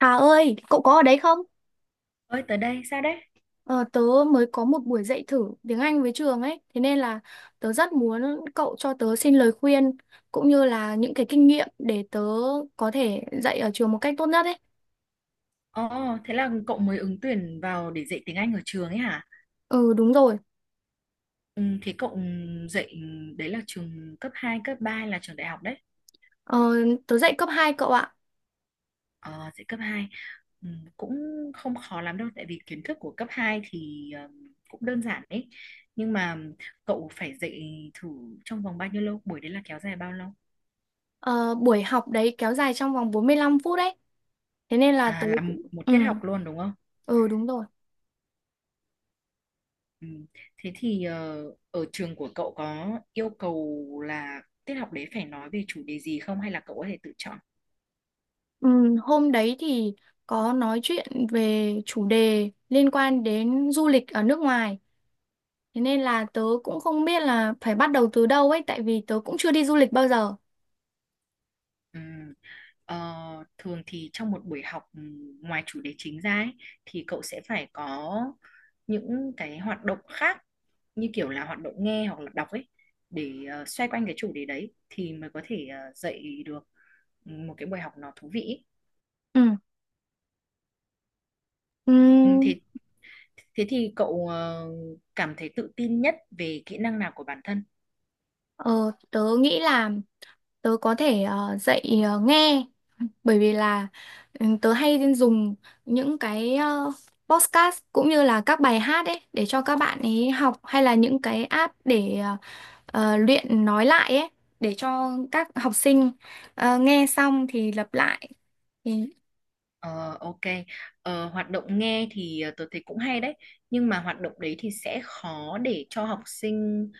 Hà ơi, cậu có ở đấy không? Ơi tới đây sao đấy? Ờ, tớ mới có một buổi dạy thử tiếng Anh với trường ấy, thế nên là tớ rất muốn cậu cho tớ xin lời khuyên cũng như là những cái kinh nghiệm để tớ có thể dạy ở trường một cách tốt nhất ấy. Ồ, thế là cậu mới ứng tuyển vào để dạy tiếng Anh ở trường ấy hả? Ừ, đúng rồi. Ừ, thế cậu dạy đấy là trường cấp 2 cấp 3 hay là trường đại học đấy. ờ, Tớ dạy cấp hai, cậu ạ. Ờ, dạy cấp hai. Ừ, cũng không khó lắm đâu tại vì kiến thức của cấp 2 thì cũng đơn giản đấy. Nhưng mà cậu phải dạy thử trong vòng bao nhiêu lâu? Buổi đấy là kéo dài bao lâu? Ờ, buổi học đấy kéo dài trong vòng 45 phút đấy, thế nên là À, tớ là cũng. một Ừ, tiết học luôn đúng không? ừ đúng rồi. Ừ. Thế thì ở trường của cậu có yêu cầu là tiết học đấy phải nói về chủ đề gì không hay là cậu có thể tự chọn? Ừ, hôm đấy thì có nói chuyện về chủ đề liên quan đến du lịch ở nước ngoài. Thế nên là tớ cũng không biết là phải bắt đầu từ đâu ấy, tại vì tớ cũng chưa đi du lịch bao giờ. Ừ. Ờ, thường thì trong một buổi học ngoài chủ đề chính ra ấy, thì cậu sẽ phải có những cái hoạt động khác như kiểu là hoạt động nghe hoặc là đọc ấy để xoay quanh cái chủ đề đấy thì mới có thể dạy được một cái buổi học nó thú vị ấy. Ừ. Ừ, Ừm, thế thế thì cậu cảm thấy tự tin nhất về kỹ năng nào của bản thân? ờ, Tớ nghĩ là tớ có thể dạy nghe, bởi vì là tớ hay dùng những cái podcast cũng như là các bài hát ấy để cho các bạn ấy học, hay là những cái app để luyện nói lại ấy để cho các học sinh nghe xong thì lặp lại. Thì. Ờ, ok. Ờ, hoạt động nghe thì tôi thấy cũng hay đấy. Nhưng mà hoạt động đấy thì sẽ khó để cho học sinh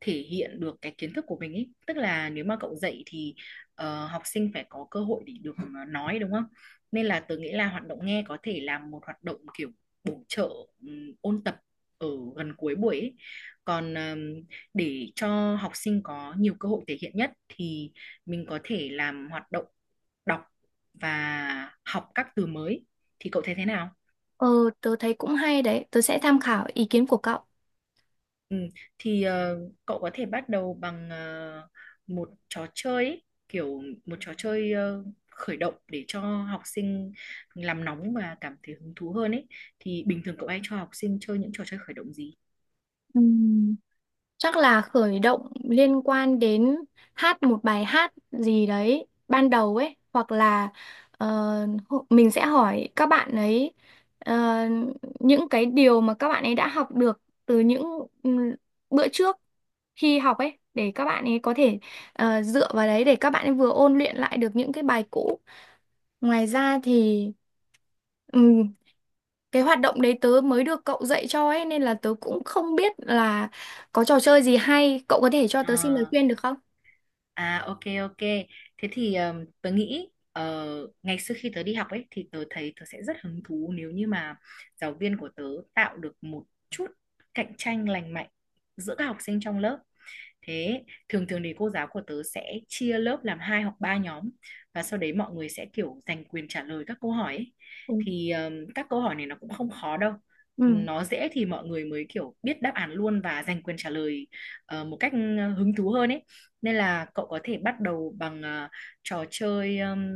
thể hiện được cái kiến thức của mình ấy. Tức là nếu mà cậu dạy thì học sinh phải có cơ hội để được nói đúng không? Nên là tôi nghĩ là hoạt động nghe có thể là một hoạt động kiểu bổ trợ, ôn tập ở gần cuối buổi ấy. Còn để cho học sinh có nhiều cơ hội thể hiện nhất thì mình có thể làm hoạt động đọc và học các từ mới, thì cậu thấy thế nào? ờ, Tớ thấy cũng hay đấy, tớ sẽ tham khảo ý kiến của cậu. Ừ, thì cậu có thể bắt đầu bằng một trò chơi ấy, kiểu một trò chơi khởi động để cho học sinh làm nóng và cảm thấy hứng thú hơn ấy. Thì bình thường cậu hay cho học sinh chơi những trò chơi khởi động gì? Ừm, Chắc là khởi động liên quan đến hát một bài hát gì đấy ban đầu ấy, hoặc là ờ, mình sẽ hỏi các bạn ấy ờ, những cái điều mà các bạn ấy đã học được từ những ừm, bữa trước khi học ấy để các bạn ấy có thể dựa vào đấy để các bạn ấy vừa ôn luyện lại được những cái bài cũ. Ngoài ra thì cái hoạt động đấy tớ mới được cậu dạy cho ấy, nên là tớ cũng không biết là có trò chơi gì hay, cậu có thể cho Ờ, tớ xin lời khuyên được không? à, ok ok. Thế thì tớ nghĩ ngày xưa khi tớ đi học ấy thì tớ thấy tớ sẽ rất hứng thú nếu như mà giáo viên của tớ tạo được một chút cạnh tranh lành mạnh giữa các học sinh trong lớp. Thế thường thường thì cô giáo của tớ sẽ chia lớp làm hai hoặc ba nhóm và sau đấy mọi người sẽ kiểu giành quyền trả lời các câu hỏi ấy. Ừ. Thì các câu hỏi này nó cũng không khó đâu. Ừ. Nó dễ thì mọi người mới kiểu biết đáp án luôn và giành quyền trả lời một cách hứng thú hơn ấy. Nên là cậu có thể bắt đầu bằng trò chơi,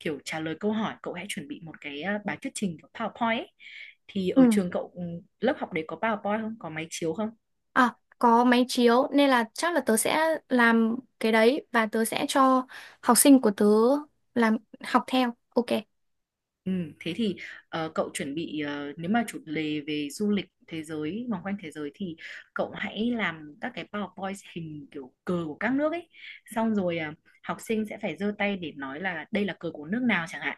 kiểu trả lời câu hỏi. Cậu hãy chuẩn bị một cái bài thuyết trình của PowerPoint ấy. Thì ở Ừ. trường cậu, lớp học đấy có PowerPoint không? Có máy chiếu không? À, có máy chiếu nên là chắc là tớ sẽ làm cái đấy, và tớ sẽ cho học sinh của tớ làm học theo. Ok. Ừ, thế thì cậu chuẩn bị, nếu mà chủ đề về du lịch thế giới, vòng quanh thế giới, thì cậu hãy làm các cái PowerPoint hình kiểu cờ của các nước ấy, xong rồi học sinh sẽ phải giơ tay để nói là đây là cờ của nước nào chẳng hạn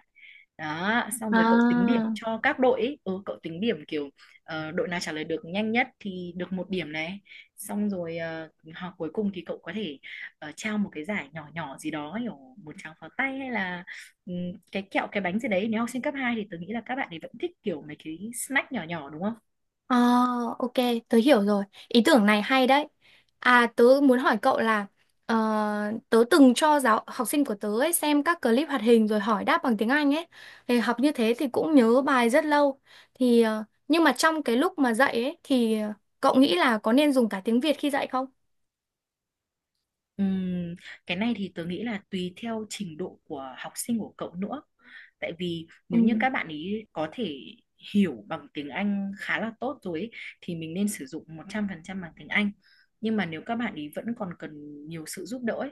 đó. Xong rồi cậu tính điểm À. cho các đội ấy. Ừ, cậu tính điểm kiểu đội nào trả lời được nhanh nhất thì được một điểm này, xong rồi hoặc cuối cùng thì cậu có thể trao một cái giải nhỏ nhỏ gì đó kiểu một tràng pháo tay hay là cái kẹo cái bánh gì đấy. Nếu học sinh cấp 2 thì tôi nghĩ là các bạn ấy vẫn thích kiểu mấy cái snack nhỏ nhỏ đúng không? À, ok, tớ hiểu rồi. Ý tưởng này hay đấy. À, tớ muốn hỏi cậu là ờ, tớ từng cho giáo học sinh của tớ ấy xem các clip hoạt hình rồi hỏi đáp bằng tiếng Anh ấy. Thì học như thế thì cũng nhớ bài rất lâu. Thì nhưng mà trong cái lúc mà dạy ấy thì cậu nghĩ là có nên dùng cả tiếng Việt khi dạy không? Ừm, cái này thì tớ nghĩ là tùy theo trình độ của học sinh của cậu nữa. Tại vì Ừ, nếu như các bạn ý có thể hiểu bằng tiếng Anh khá là tốt rồi ấy, thì mình nên sử dụng 100% bằng tiếng Anh. Nhưng mà nếu các bạn ý vẫn còn cần nhiều sự giúp đỡ ấy,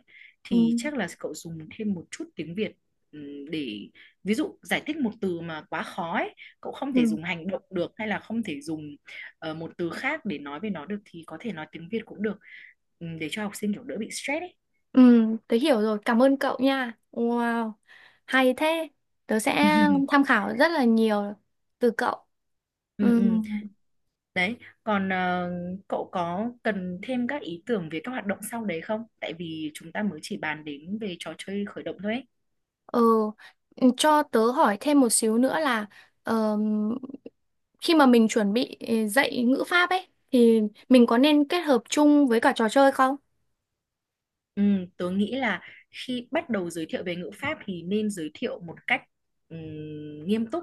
ừ, thì chắc là cậu dùng thêm một chút tiếng Việt, để ví dụ giải thích một từ mà quá khó ấy, cậu không thể ừ, dùng hành động được hay là không thể dùng một từ khác để nói về nó được, thì có thể nói tiếng Việt cũng được, để cho học sinh kiểu đỡ bị stress ấy. ừ, tớ hiểu rồi. Cảm ơn cậu nha. Wow, hay thế. Tớ sẽ tham khảo rất là nhiều từ cậu. Ừ, Ừ. ừ. Đấy, còn cậu có cần thêm các ý tưởng về các hoạt động sau đấy không, tại vì chúng ta mới chỉ bàn đến về trò chơi khởi động thôi ấy. Ờ, cho tớ hỏi thêm một xíu nữa là ờm, khi mà mình chuẩn bị dạy ngữ pháp ấy thì mình có nên kết hợp chung với cả trò chơi không? Ừ, tớ nghĩ là khi bắt đầu giới thiệu về ngữ pháp thì nên giới thiệu một cách nghiêm túc.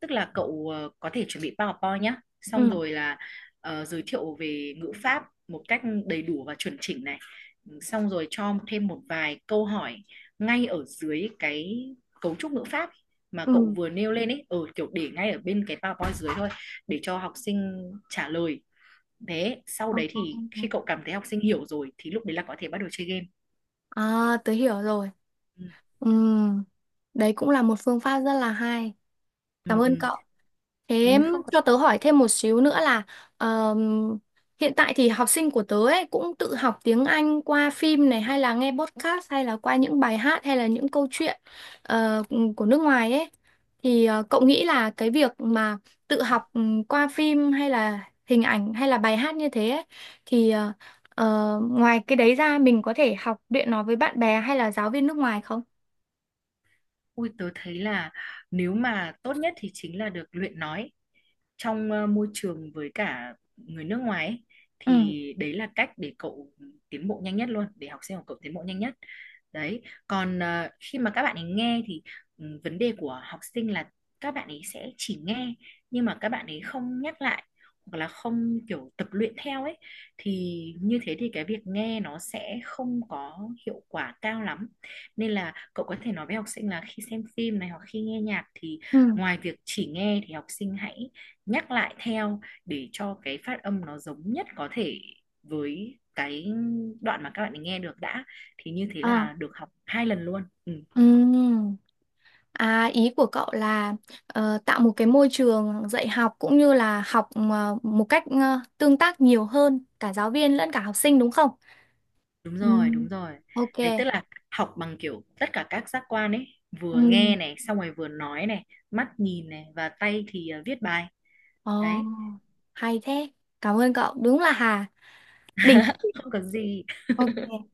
Tức là cậu có thể chuẩn bị PowerPoint nhé. Xong Ừ. rồi là giới thiệu về ngữ pháp một cách đầy đủ và chuẩn chỉnh này. Ừ, xong rồi cho thêm một vài câu hỏi ngay ở dưới cái cấu trúc ngữ pháp mà cậu Ừ. vừa nêu lên ấy, ở kiểu để ngay ở bên cái PowerPoint dưới thôi, để cho học sinh trả lời. Thế sau Ờ. đấy thì khi Ờ. cậu cảm thấy học sinh hiểu rồi thì lúc đấy là có thể bắt đầu chơi game. À, tớ hiểu rồi. Ừ. Đấy cũng là một phương pháp rất là hay. Cảm Ừ, ơn ừ. cậu. Thế Ừ, không có cho gì. tớ hỏi thêm một xíu nữa là ờm, hiện tại thì học sinh của tớ ấy cũng tự học tiếng Anh qua phim này, hay là nghe podcast, hay là qua những bài hát, hay là những câu chuyện ờ, của nước ngoài ấy. Thì cậu nghĩ là cái việc mà tự học qua phim hay là hình ảnh hay là bài hát như thế ấy, thì ngoài cái đấy ra mình có thể học luyện nó với bạn bè hay là giáo viên nước ngoài không? Ui, tớ thấy là nếu mà tốt nhất thì chính là được luyện nói trong môi trường với cả người nước ngoài ấy, Ừ. thì đấy là cách để cậu tiến bộ nhanh nhất luôn, để học sinh của cậu tiến bộ nhanh nhất. Đấy, còn khi mà các bạn ấy nghe thì, vấn đề của học sinh là các bạn ấy sẽ chỉ nghe nhưng mà các bạn ấy không nhắc lại hoặc là không kiểu tập luyện theo ấy, thì như thế thì cái việc nghe nó sẽ không có hiệu quả cao lắm. Nên là cậu có thể nói với học sinh là khi xem phim này hoặc khi nghe nhạc thì Ừ. ngoài việc chỉ nghe thì học sinh hãy nhắc lại theo để cho cái phát âm nó giống nhất có thể với cái đoạn mà các bạn ấy nghe được đã. Thì như thế Ờ. là được học 2 lần luôn ừ, Ừ. À, ý của cậu là tạo một cái môi trường dạy học cũng như là học một cách tương tác nhiều hơn cả giáo viên lẫn cả học sinh đúng không? Đúng Ừ. rồi, đúng rồi. Ok. Đấy, tức là học bằng kiểu tất cả các giác quan ấy, Ừ. vừa nghe này xong rồi vừa nói này, mắt nhìn này và tay thì viết bài. Ồ, Đấy. hay thế. Cảm ơn cậu. Đúng là Hà. Đỉnh. Không có gì. Ok.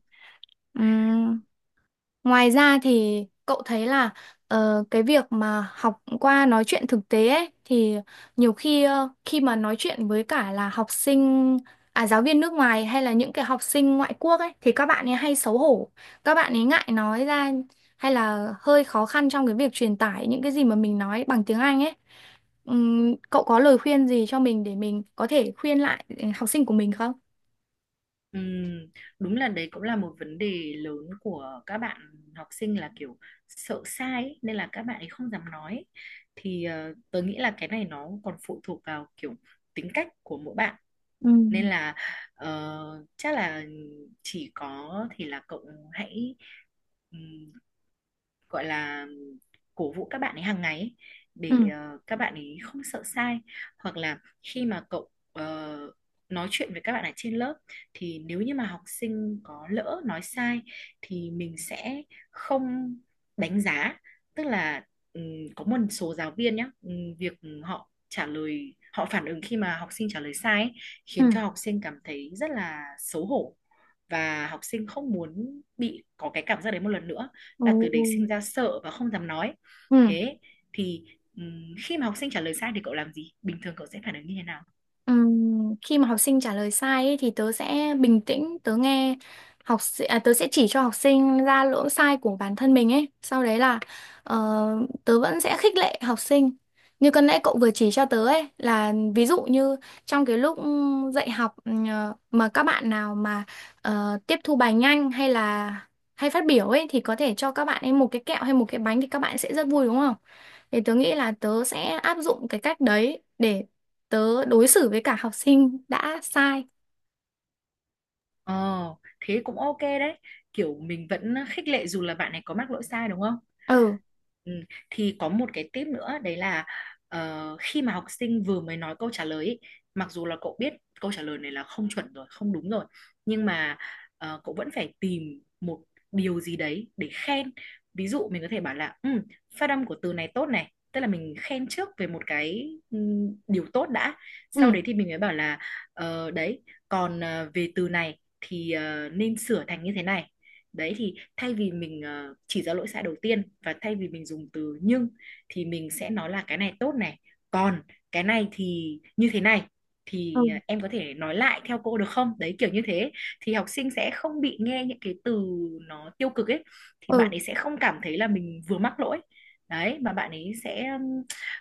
Ừ. Ngoài ra thì cậu thấy là cái việc mà học qua nói chuyện thực tế ấy, thì nhiều khi khi mà nói chuyện với cả là học sinh, à giáo viên nước ngoài hay là những cái học sinh ngoại quốc ấy, thì các bạn ấy hay xấu hổ, các bạn ấy ngại nói ra, hay là hơi khó khăn trong cái việc truyền tải những cái gì mà mình nói bằng tiếng Anh ấy. Cậu có lời khuyên gì cho mình để mình có thể khuyên lại học sinh của mình không? Ừm, đúng là đấy cũng là một vấn đề lớn của các bạn học sinh, là kiểu sợ sai ấy, nên là các bạn ấy không dám nói. Thì tớ nghĩ là cái này nó còn phụ thuộc vào kiểu tính cách của mỗi bạn, Ừ. nên là chắc là chỉ có thì là cậu hãy gọi là cổ vũ các bạn ấy hàng ngày ấy, để Ừ. Các bạn ấy không sợ sai. Hoặc là khi mà cậu nói chuyện với các bạn ở trên lớp thì nếu như mà học sinh có lỡ nói sai thì mình sẽ không đánh giá. Tức là ừm, có một số giáo viên nhá, việc họ trả lời, họ phản ứng khi mà học sinh trả lời sai ấy, khiến Ừ. cho học sinh cảm thấy rất là xấu hổ và học sinh không muốn bị có cái cảm giác đấy một lần nữa, Ồ. là từ đấy sinh ra sợ và không dám nói. Ừ. Thế thì khi mà học sinh trả lời sai thì cậu làm gì, bình thường cậu sẽ phản ứng như thế nào? Khi mà học sinh trả lời sai ấy, thì tớ sẽ bình tĩnh, tớ nghe tớ sẽ chỉ cho học sinh ra lỗi sai của bản thân mình ấy, sau đấy là ờ, tớ vẫn sẽ khích lệ học sinh như cân nãy cậu vừa chỉ cho tớ ấy, là ví dụ như trong cái lúc dạy học mà các bạn nào mà tiếp thu bài nhanh hay là hay phát biểu ấy, thì có thể cho các bạn ấy một cái kẹo hay một cái bánh thì các bạn sẽ rất vui, đúng không? Thì tớ nghĩ là tớ sẽ áp dụng cái cách đấy để tớ đối xử với cả học sinh đã sai. Ờ, thế cũng ok đấy, kiểu mình vẫn khích lệ dù là bạn này có mắc lỗi sai đúng không. Ừ. Ừ, thì có một cái tip nữa đấy là khi mà học sinh vừa mới nói câu trả lời ý, mặc dù là cậu biết câu trả lời này là không chuẩn rồi, không đúng rồi, nhưng mà cậu vẫn phải tìm một điều gì đấy để khen. Ví dụ mình có thể bảo là, phát âm của từ này tốt này, tức là mình khen trước về một cái, điều tốt đã, Ừ. sau đấy thì mình mới bảo là đấy, còn về từ này thì nên sửa thành như thế này. Đấy, thì thay vì mình chỉ ra lỗi sai đầu tiên và thay vì mình dùng từ nhưng, thì mình sẽ nói là cái này tốt này, còn cái này thì như thế này, Ừ. thì em có thể nói lại theo cô được không, đấy kiểu như thế, thì học sinh sẽ không bị nghe những cái từ nó tiêu cực ấy, thì bạn Ừ. ấy sẽ không cảm thấy là mình vừa mắc lỗi. Đấy, mà bạn ấy sẽ ừm,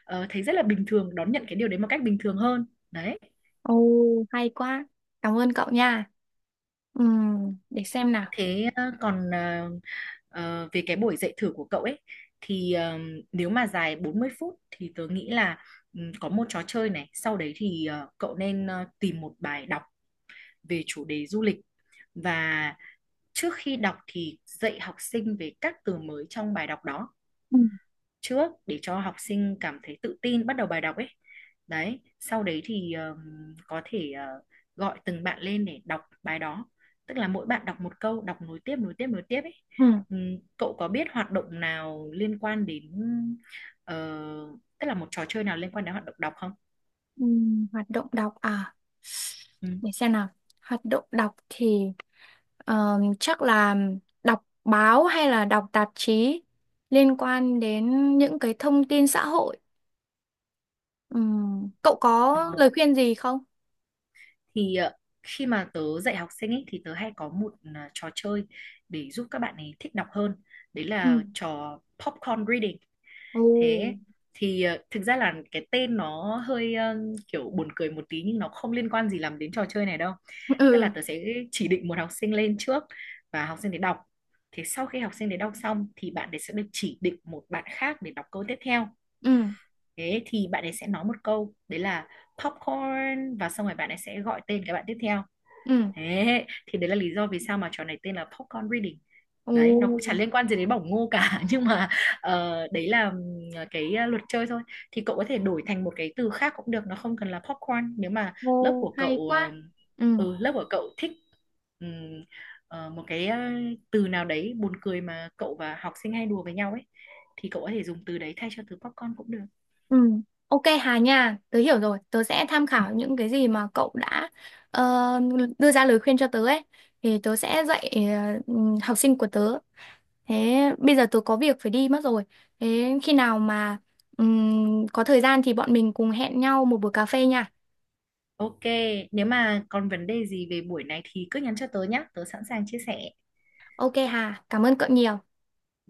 ờ, thấy rất là bình thường, đón nhận cái điều đấy một cách bình thường hơn. Đấy. Ồ, hay quá. Cảm ơn cậu nha. Ừ, để xem nào. Thế về cái buổi dạy thử của cậu ấy thì nếu mà dài 40 phút thì tớ nghĩ là, có một trò chơi này, sau đấy thì cậu nên tìm một bài đọc về chủ đề du lịch, và trước khi đọc thì dạy học sinh về các từ mới trong bài đọc đó Ừ. trước để cho học sinh cảm thấy tự tin bắt đầu bài đọc ấy. Đấy, sau đấy thì có thể gọi từng bạn lên để đọc bài đó, tức là mỗi bạn đọc một câu, đọc nối tiếp nối tiếp nối tiếp ấy. Ừ, Cậu có biết hoạt động nào liên quan đến ờ, tức là một trò chơi nào liên quan đến hoạt động đọc không? ừ. Hoạt động đọc à? Ừ. Để xem nào. Hoạt động đọc thì chắc là đọc báo hay là đọc tạp chí liên quan đến những cái thông tin xã hội. ừ Cậu có ờ, lời khuyên gì không? thì khi mà tớ dạy học sinh ấy, thì tớ hay có một trò chơi để giúp các bạn ấy thích đọc hơn, đấy là Ừ. trò popcorn reading. Ồ. Thế thì thực ra là cái tên nó hơi kiểu buồn cười một tí nhưng nó không liên quan gì lắm đến trò chơi này đâu. Tức là Ừ. tớ sẽ chỉ định một học sinh lên trước và học sinh để đọc, thế sau khi học sinh để đọc xong thì bạn ấy sẽ được chỉ định một bạn khác để đọc câu tiếp theo. Ừ. Thế thì bạn ấy sẽ nói một câu đấy là popcorn và xong rồi bạn ấy sẽ gọi tên cái bạn tiếp theo. Ừ. Thế thì đấy là lý do vì sao mà trò này tên là popcorn reading. Đấy, nó cũng chả Ồ. liên quan gì đến bỏng ngô cả. Nhưng mà đấy là cái luật chơi thôi. Thì cậu có thể đổi thành một cái từ khác cũng được, nó không cần là popcorn nếu mà lớp Ồ, của hay cậu ờ, quá. Ừ, lớp của cậu thích ừm, một cái từ nào đấy buồn cười mà cậu và học sinh hay đùa với nhau ấy, thì cậu có thể dùng từ đấy thay cho từ popcorn cũng được. ừ. Ok Hà nha, tớ hiểu rồi. Tớ sẽ tham Ừ. khảo những cái gì mà cậu đã ờ, đưa ra lời khuyên cho tớ ấy. Thì tớ sẽ dạy học sinh của tớ. Thế bây giờ tớ có việc phải đi mất rồi. Thế khi nào mà có thời gian thì bọn mình cùng hẹn nhau một buổi cà phê nha. Ok, nếu mà còn vấn đề gì về buổi này thì cứ nhắn cho tớ nhé, tớ sẵn sàng chia sẻ. Ok Hà, cảm ơn cậu nhiều.